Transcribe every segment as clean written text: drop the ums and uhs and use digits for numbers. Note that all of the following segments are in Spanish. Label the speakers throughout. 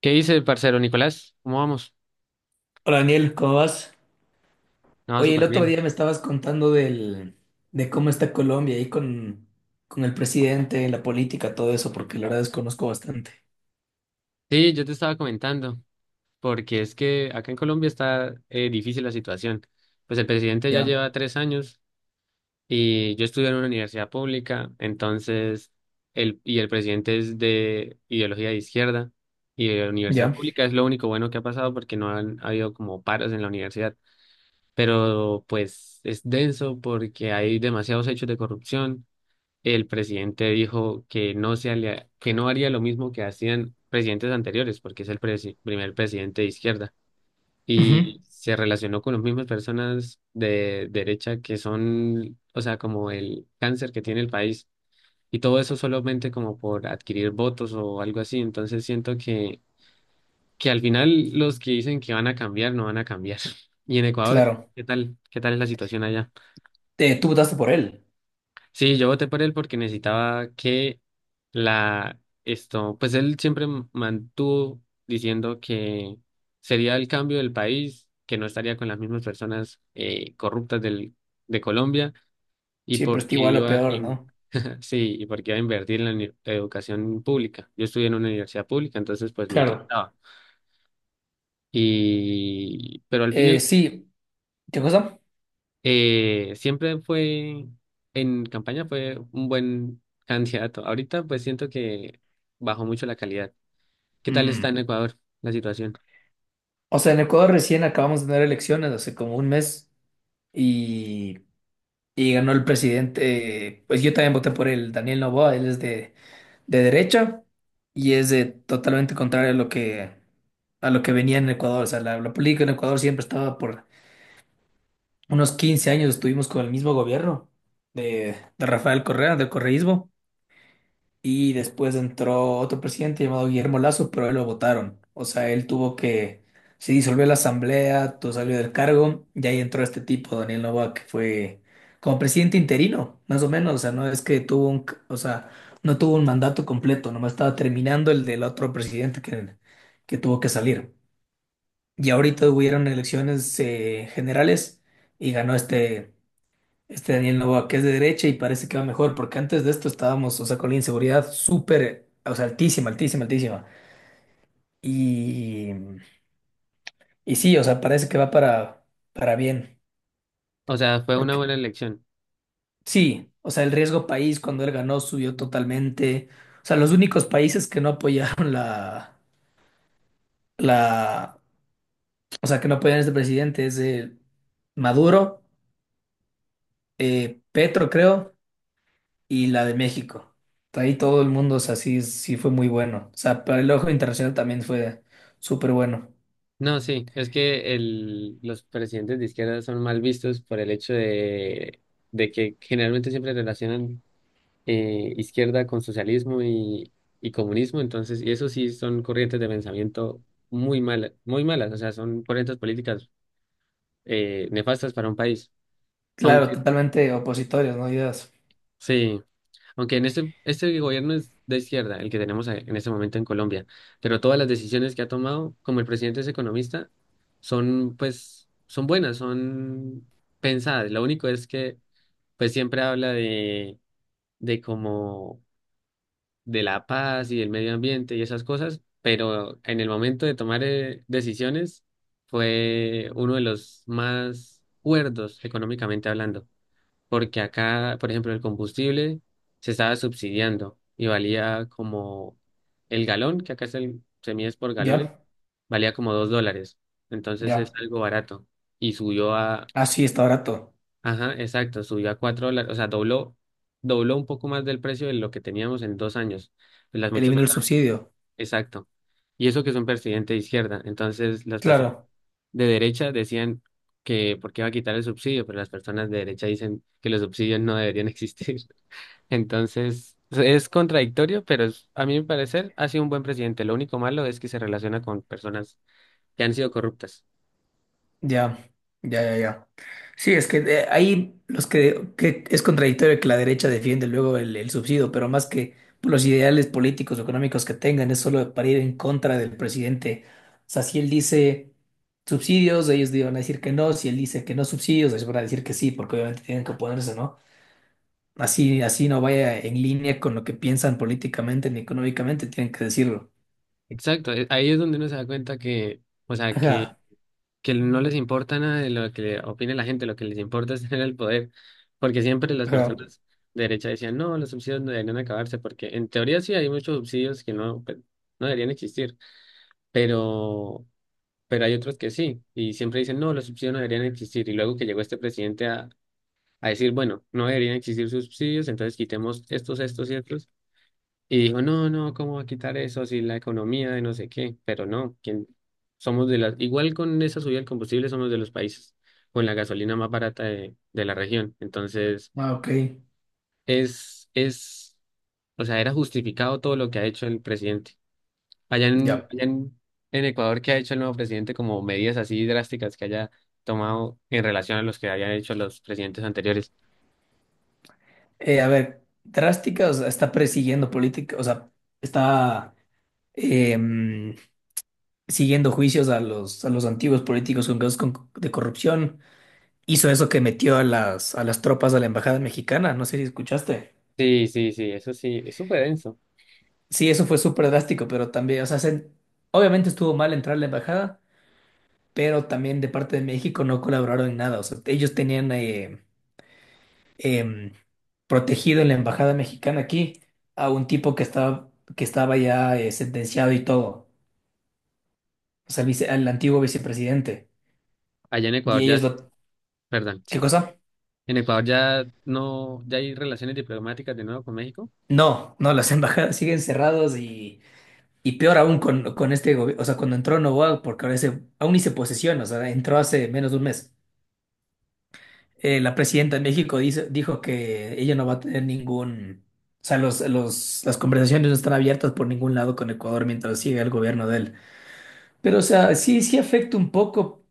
Speaker 1: ¿Qué dice el parcero Nicolás? ¿Cómo vamos?
Speaker 2: Hola Daniel, ¿cómo vas?
Speaker 1: No,
Speaker 2: Oye, el
Speaker 1: súper
Speaker 2: otro
Speaker 1: bien.
Speaker 2: día me estabas contando de cómo está Colombia ahí con el presidente, la política, todo eso, porque la verdad desconozco bastante.
Speaker 1: Sí, yo te estaba comentando, porque es que acá en Colombia está difícil la situación. Pues el presidente ya
Speaker 2: Ya,
Speaker 1: lleva 3 años y yo estudié en una universidad pública, entonces, y el presidente es de ideología de izquierda y de la universidad
Speaker 2: ya.
Speaker 1: pública es lo único bueno que ha pasado porque no han habido como paros en la universidad, pero pues es denso porque hay demasiados hechos de corrupción. El presidente dijo que que no haría lo mismo que hacían presidentes anteriores, porque es el primer presidente de izquierda.
Speaker 2: Ujú.
Speaker 1: Y se relacionó con las mismas personas de derecha que son, o sea, como el cáncer que tiene el país. Y todo eso solamente como por adquirir votos o algo así. Entonces siento que al final los que dicen que van a cambiar no van a cambiar. Y en Ecuador,
Speaker 2: Claro.
Speaker 1: ¿qué tal? ¿Qué tal es la situación allá?
Speaker 2: Tú votaste por él.
Speaker 1: Sí, yo voté por él porque necesitaba que la esto, pues él siempre mantuvo diciendo que sería el cambio del país, que no estaría con las mismas personas corruptas del, de Colombia y
Speaker 2: Siempre está
Speaker 1: porque
Speaker 2: igual o
Speaker 1: iba a
Speaker 2: peor,
Speaker 1: in-
Speaker 2: ¿no?
Speaker 1: sí, y porque iba a invertir en la educación pública. Yo estudié en una universidad pública, entonces pues me
Speaker 2: Claro.
Speaker 1: intentaba. Y pero al final
Speaker 2: Sí, ¿qué cosa?
Speaker 1: Siempre fue, en campaña fue un buen candidato. Ahorita pues siento que bajó mucho la calidad. ¿Qué tal está
Speaker 2: Mm.
Speaker 1: en Ecuador la situación?
Speaker 2: O sea, en Ecuador recién acabamos de tener elecciones hace como un mes y, y ganó el presidente. Pues yo también voté por él, Daniel Noboa, él es de derecha y es de totalmente contrario a a lo que venía en Ecuador. O sea, la política en Ecuador siempre estaba por unos 15 años, estuvimos con el mismo gobierno de Rafael Correa, del correísmo. Y después entró otro presidente llamado Guillermo Lazo, pero él lo votaron. O sea, se disolvió la asamblea, todo salió del cargo, y ahí entró este tipo, Daniel Noboa, que fue como presidente interino, más o menos. O sea, no es que tuvo un, c- o sea, no tuvo un mandato completo, nomás estaba terminando el del otro presidente que tuvo que salir. Y ahorita hubieron elecciones generales y ganó este. Este Daniel Noboa, que es de derecha y parece que va mejor, porque antes de esto estábamos, o sea, con la inseguridad súper, o sea, altísima, altísima, altísima. Y, y sí, o sea, parece que va para bien.
Speaker 1: O sea, fue una
Speaker 2: Porque
Speaker 1: buena elección.
Speaker 2: sí, o sea, el riesgo país cuando él ganó subió totalmente. O sea, los únicos países que no apoyaron la, o sea, que no apoyaron a este presidente es Maduro, Petro, creo. Y la de México. Ahí todo el mundo, o sea, sí, sí fue muy bueno. O sea, para el ojo internacional también fue súper bueno.
Speaker 1: No, sí, es que el, los presidentes de izquierda son mal vistos por el hecho de que generalmente siempre relacionan izquierda con socialismo y comunismo, entonces, y eso sí son corrientes de pensamiento muy malas, o sea, son corrientes políticas nefastas para un país.
Speaker 2: Claro,
Speaker 1: Aunque,
Speaker 2: totalmente opositorios, ¿no? Ideas.
Speaker 1: sí, aunque en este gobierno es de izquierda, el que tenemos en este momento en Colombia, pero todas las decisiones que ha tomado, como el presidente es economista, son pues, son buenas, son pensadas. Lo único es que pues siempre habla de como de la paz y del medio ambiente y esas cosas, pero en el momento de tomar decisiones fue uno de los más cuerdos económicamente hablando. Porque acá, por ejemplo, el combustible se estaba subsidiando y valía como el galón, que acá es el, se mide es por galones,
Speaker 2: Ya,
Speaker 1: valía como $2. Entonces es
Speaker 2: ya.
Speaker 1: algo barato. Y subió a,
Speaker 2: Ah, sí, está barato.
Speaker 1: ajá, exacto, subió a $4, o sea, dobló, dobló un poco más del precio de lo que teníamos en 2 años. Las muchas
Speaker 2: Eliminó el
Speaker 1: personas-
Speaker 2: subsidio.
Speaker 1: exacto. Y eso que es un presidente de izquierda. Entonces las personas
Speaker 2: Claro,
Speaker 1: de derecha decían que por qué va a quitar el subsidio, pero las personas de derecha dicen que los subsidios no deberían existir. Entonces, es contradictorio, pero es- a mi parecer ha sido un buen presidente. Lo único malo es que se relaciona con personas que han sido corruptas.
Speaker 2: ya, ya, ya, ya. Sí, es que ahí los que es contradictorio que la derecha defiende luego el subsidio, pero más que por los ideales políticos o económicos que tengan, es solo para ir en contra del presidente. O sea, si él dice subsidios, ellos van a decir que no, si él dice que no subsidios, ellos van a decir que sí, porque obviamente tienen que oponerse, ¿no? Así, así no vaya en línea con lo que piensan políticamente ni económicamente, tienen que decirlo.
Speaker 1: Exacto, ahí es donde uno se da cuenta que, o sea, que,
Speaker 2: Ajá,
Speaker 1: que no les importa nada de lo que opine la gente, lo que les importa es tener el poder, porque siempre las
Speaker 2: ajá,
Speaker 1: personas de derecha decían, no, los subsidios no deberían acabarse, porque en teoría sí hay muchos subsidios que no, pues, no deberían existir, pero, pero hay otros que sí, y siempre dicen, no, los subsidios no deberían existir, y luego que llegó este presidente a decir, bueno, no deberían existir subsidios, entonces quitemos estos y otros, y dijo, no, no, ¿cómo va a quitar eso si la economía de no sé qué? Pero no, quién somos de las, igual con esa subida del combustible somos de los países con la gasolina más barata de la región, entonces
Speaker 2: ah, ok,
Speaker 1: es, o sea, era justificado todo lo que ha hecho el presidente. Allá en,
Speaker 2: ya.
Speaker 1: allá en, en Ecuador, ¿qué ha hecho el nuevo presidente como medidas así drásticas que haya tomado en relación a los que habían hecho los presidentes anteriores?
Speaker 2: A ver, drástica, o sea, está persiguiendo política, o sea, está em, siguiendo juicios a a los antiguos políticos con de corrupción. Hizo eso que metió a a las tropas a la embajada mexicana, no sé si escuchaste.
Speaker 1: Sí, sí, sí, eso sí, es súper denso.
Speaker 2: Sí, eso fue súper drástico, pero también, o sea, se... obviamente estuvo mal entrar a la embajada, pero también de parte de México no colaboraron en nada, o sea, ellos tenían, em, protegido en la embajada mexicana aquí a un tipo que estaba ya sentenciado y todo, o sea, al antiguo vicepresidente.
Speaker 1: Allá en
Speaker 2: Y
Speaker 1: Ecuador ya,
Speaker 2: ellos
Speaker 1: es-
Speaker 2: lo...
Speaker 1: perdón,
Speaker 2: ¿Qué
Speaker 1: sí.
Speaker 2: cosa?
Speaker 1: En Ecuador ya no, ya hay relaciones diplomáticas de nuevo con México.
Speaker 2: No, no, las embajadas siguen cerradas y peor aún con este gobierno, o sea, cuando entró Noboa, porque ahora ese, aún ni se posesiona, o sea, entró hace menos de un mes. La presidenta de México dice, dijo que ella no va a tener ningún... O sea, las conversaciones no están abiertas por ningún lado con Ecuador mientras siga el gobierno de él. Pero, o sea, sí, sí afecta un poco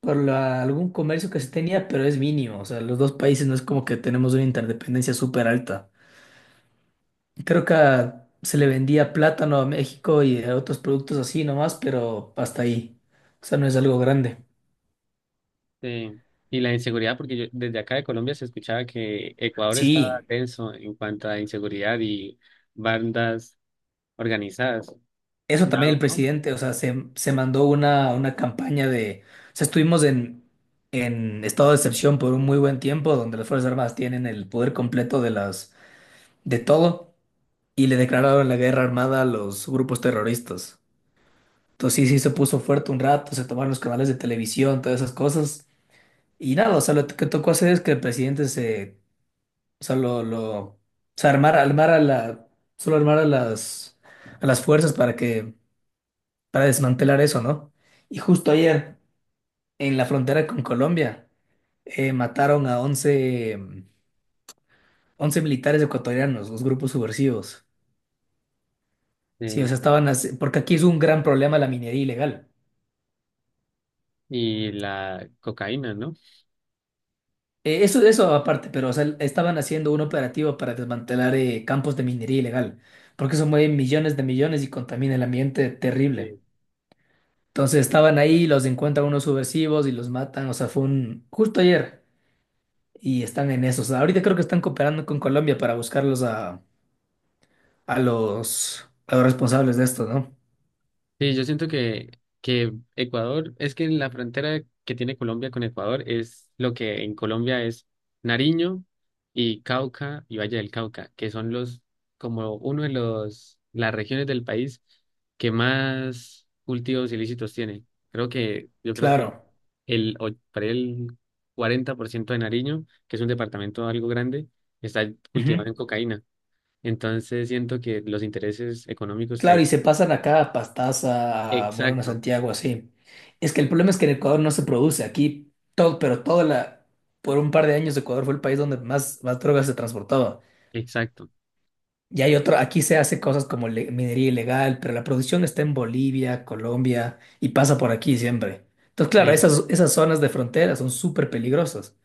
Speaker 2: algún comercio que se tenía, pero es mínimo. O sea, los dos países no es como que tenemos una interdependencia súper alta. Creo que se le vendía plátano a México y a otros productos así nomás, pero hasta ahí. O sea, no es algo grande.
Speaker 1: Sí. Y la inseguridad, porque yo, desde acá de Colombia se escuchaba que Ecuador estaba
Speaker 2: Sí,
Speaker 1: denso en cuanto a inseguridad y bandas organizadas.
Speaker 2: eso
Speaker 1: Ya,
Speaker 2: también el
Speaker 1: ¿no?
Speaker 2: presidente, o sea, se mandó una campaña de... O sea, estuvimos en estado de excepción por un muy buen tiempo, donde las Fuerzas Armadas tienen el poder completo de de todo. Y le declararon la guerra armada a los grupos terroristas. Entonces sí, sí se puso fuerte un rato, se tomaron los canales de televisión, todas esas cosas. Y nada, o sea, lo que tocó hacer es que el presidente o sea, o sea, armar a solo armar a a las fuerzas para para desmantelar eso, ¿no? Y justo ayer, en la frontera con Colombia, mataron a 11 militares ecuatorianos, los grupos subversivos. Sí, o
Speaker 1: Sí.
Speaker 2: sea, porque aquí es un gran problema la minería ilegal.
Speaker 1: Y la cocaína, ¿no?
Speaker 2: Eso aparte, pero o sea, estaban haciendo un operativo para desmantelar campos de minería ilegal, porque eso mueve millones de millones y contamina el ambiente
Speaker 1: Eh,
Speaker 2: terrible. Entonces estaban ahí, los encuentran unos subversivos y los matan, o sea, fue un... justo ayer y están en eso. O sea, ahorita creo que están cooperando con Colombia para buscarlos a a los responsables de esto, ¿no?
Speaker 1: sí, yo siento que Ecuador, es que la frontera que tiene Colombia con Ecuador es lo que en Colombia es Nariño y Cauca y Valle del Cauca, que son los, como uno de los, las regiones del país que más cultivos ilícitos tiene. Creo que, yo creo que
Speaker 2: Claro.
Speaker 1: el, para el 40% de Nariño, que es un departamento algo grande, está cultivado
Speaker 2: Ujú.
Speaker 1: en cocaína. Entonces siento que los intereses económicos que
Speaker 2: Claro,
Speaker 1: hay.
Speaker 2: y se pasan acá a Pastaza, a Morona
Speaker 1: Exacto.
Speaker 2: Santiago, así. Es que el problema es que en Ecuador no se produce. Aquí todo, pero toda por un par de años Ecuador fue el país donde más, más drogas se transportaba.
Speaker 1: Exacto.
Speaker 2: Y hay otro, aquí se hace cosas como minería ilegal, pero la producción está en Bolivia, Colombia y pasa por aquí siempre. Entonces, claro,
Speaker 1: Sí.
Speaker 2: esas zonas de frontera son súper peligrosas.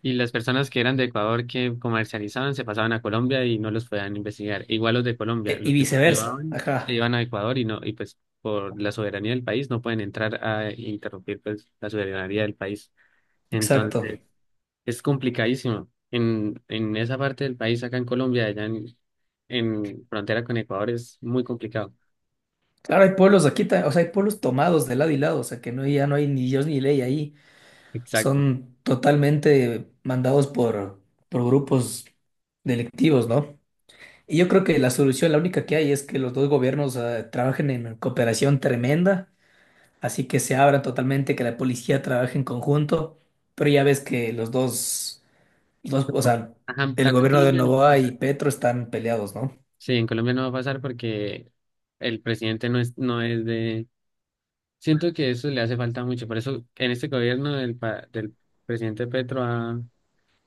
Speaker 1: Y las personas que eran de Ecuador que comercializaban se pasaban a Colombia y no los podían investigar. Igual los de Colombia,
Speaker 2: E- y
Speaker 1: los que
Speaker 2: viceversa.
Speaker 1: cultivaban, se
Speaker 2: Ajá,
Speaker 1: iban a Ecuador y no, y pues por la soberanía del país no pueden entrar a interrumpir pues la soberanía del país.
Speaker 2: exacto.
Speaker 1: Entonces, es complicadísimo. En esa parte del país, acá en Colombia, allá en frontera con Ecuador, es muy complicado.
Speaker 2: Claro, hay pueblos aquí, o sea, hay pueblos tomados de lado y lado, o sea, que no, ya no hay ni Dios ni ley ahí.
Speaker 1: Exacto.
Speaker 2: Son totalmente mandados por grupos delictivos, ¿no? Y yo creo que la solución, la única que hay, es que los dos gobiernos trabajen en cooperación tremenda, así que se abran totalmente, que la policía trabaje en conjunto, pero ya ves que o sea,
Speaker 1: Ajá,
Speaker 2: el
Speaker 1: acá en
Speaker 2: gobierno de
Speaker 1: Colombia no va a
Speaker 2: Novoa y
Speaker 1: pasar.
Speaker 2: Petro están peleados, ¿no?
Speaker 1: Sí, en Colombia no va a pasar porque el presidente no es de. Siento que eso le hace falta mucho. Por eso en este gobierno del, del presidente Petro ha,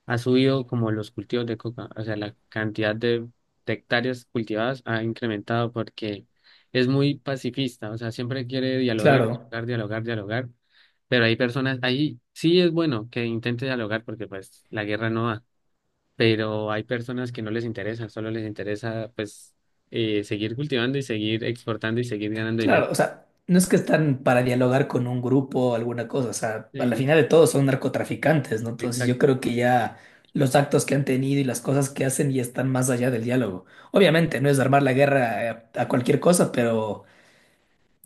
Speaker 1: ha subido como los cultivos de coca. O sea, la cantidad de hectáreas cultivadas ha incrementado porque es muy pacifista. O sea, siempre quiere dialogar,
Speaker 2: Claro.
Speaker 1: dialogar, dialogar, dialogar. Pero hay personas, ahí sí es bueno que intente dialogar porque pues la guerra no va. Pero hay personas que no les interesa, solo les interesa pues seguir cultivando y seguir exportando y seguir ganando dinero.
Speaker 2: Claro, o sea, no es que están para dialogar con un grupo o alguna cosa, o sea, a la
Speaker 1: Sí,
Speaker 2: final de todo son narcotraficantes, ¿no? Entonces yo
Speaker 1: exacto.
Speaker 2: creo que ya los actos que han tenido y las cosas que hacen ya están más allá del diálogo. Obviamente no es armar la guerra a cualquier cosa, pero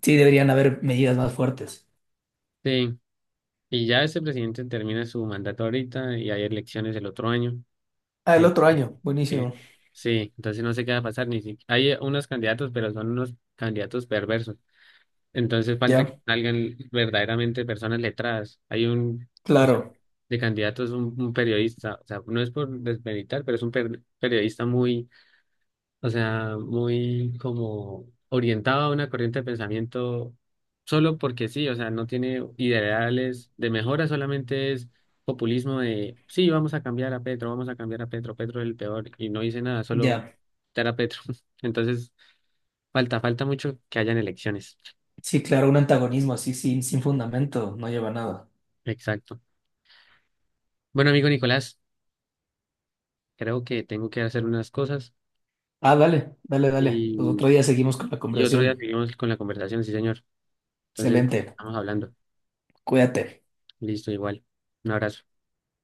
Speaker 2: sí deberían haber medidas más fuertes.
Speaker 1: Sí. Y ya este presidente termina su mandato ahorita y hay elecciones el otro año.
Speaker 2: Ah, el otro
Speaker 1: Entonces,
Speaker 2: año, buenísimo.
Speaker 1: sí, entonces no sé qué va a pasar. Ni si, hay unos candidatos, pero son unos candidatos perversos. Entonces falta que
Speaker 2: Ya,
Speaker 1: salgan verdaderamente personas letradas. Hay un, o sea,
Speaker 2: claro,
Speaker 1: de candidatos, un periodista, o sea, no es por desmeritar, pero es un periodista muy o sea, muy como orientado a una corriente de pensamiento solo porque sí, o sea, no tiene ideales de mejora, solamente es populismo de, sí, vamos a cambiar a Petro, vamos a cambiar a Petro, Petro es el peor y no dice nada, solo
Speaker 2: ya.
Speaker 1: dar a Petro. Entonces, falta, falta mucho que hayan elecciones.
Speaker 2: Sí, claro, un antagonismo así sin fundamento no lleva a nada.
Speaker 1: Exacto. Bueno, amigo Nicolás, creo que tengo que hacer unas cosas
Speaker 2: Ah, dale, dale, dale. Pues otro
Speaker 1: y,
Speaker 2: día seguimos con la
Speaker 1: y otro día
Speaker 2: conversación.
Speaker 1: seguimos con la conversación, sí, señor. Entonces,
Speaker 2: Excelente,
Speaker 1: estamos hablando.
Speaker 2: cuídate.
Speaker 1: Listo, igual. Un abrazo.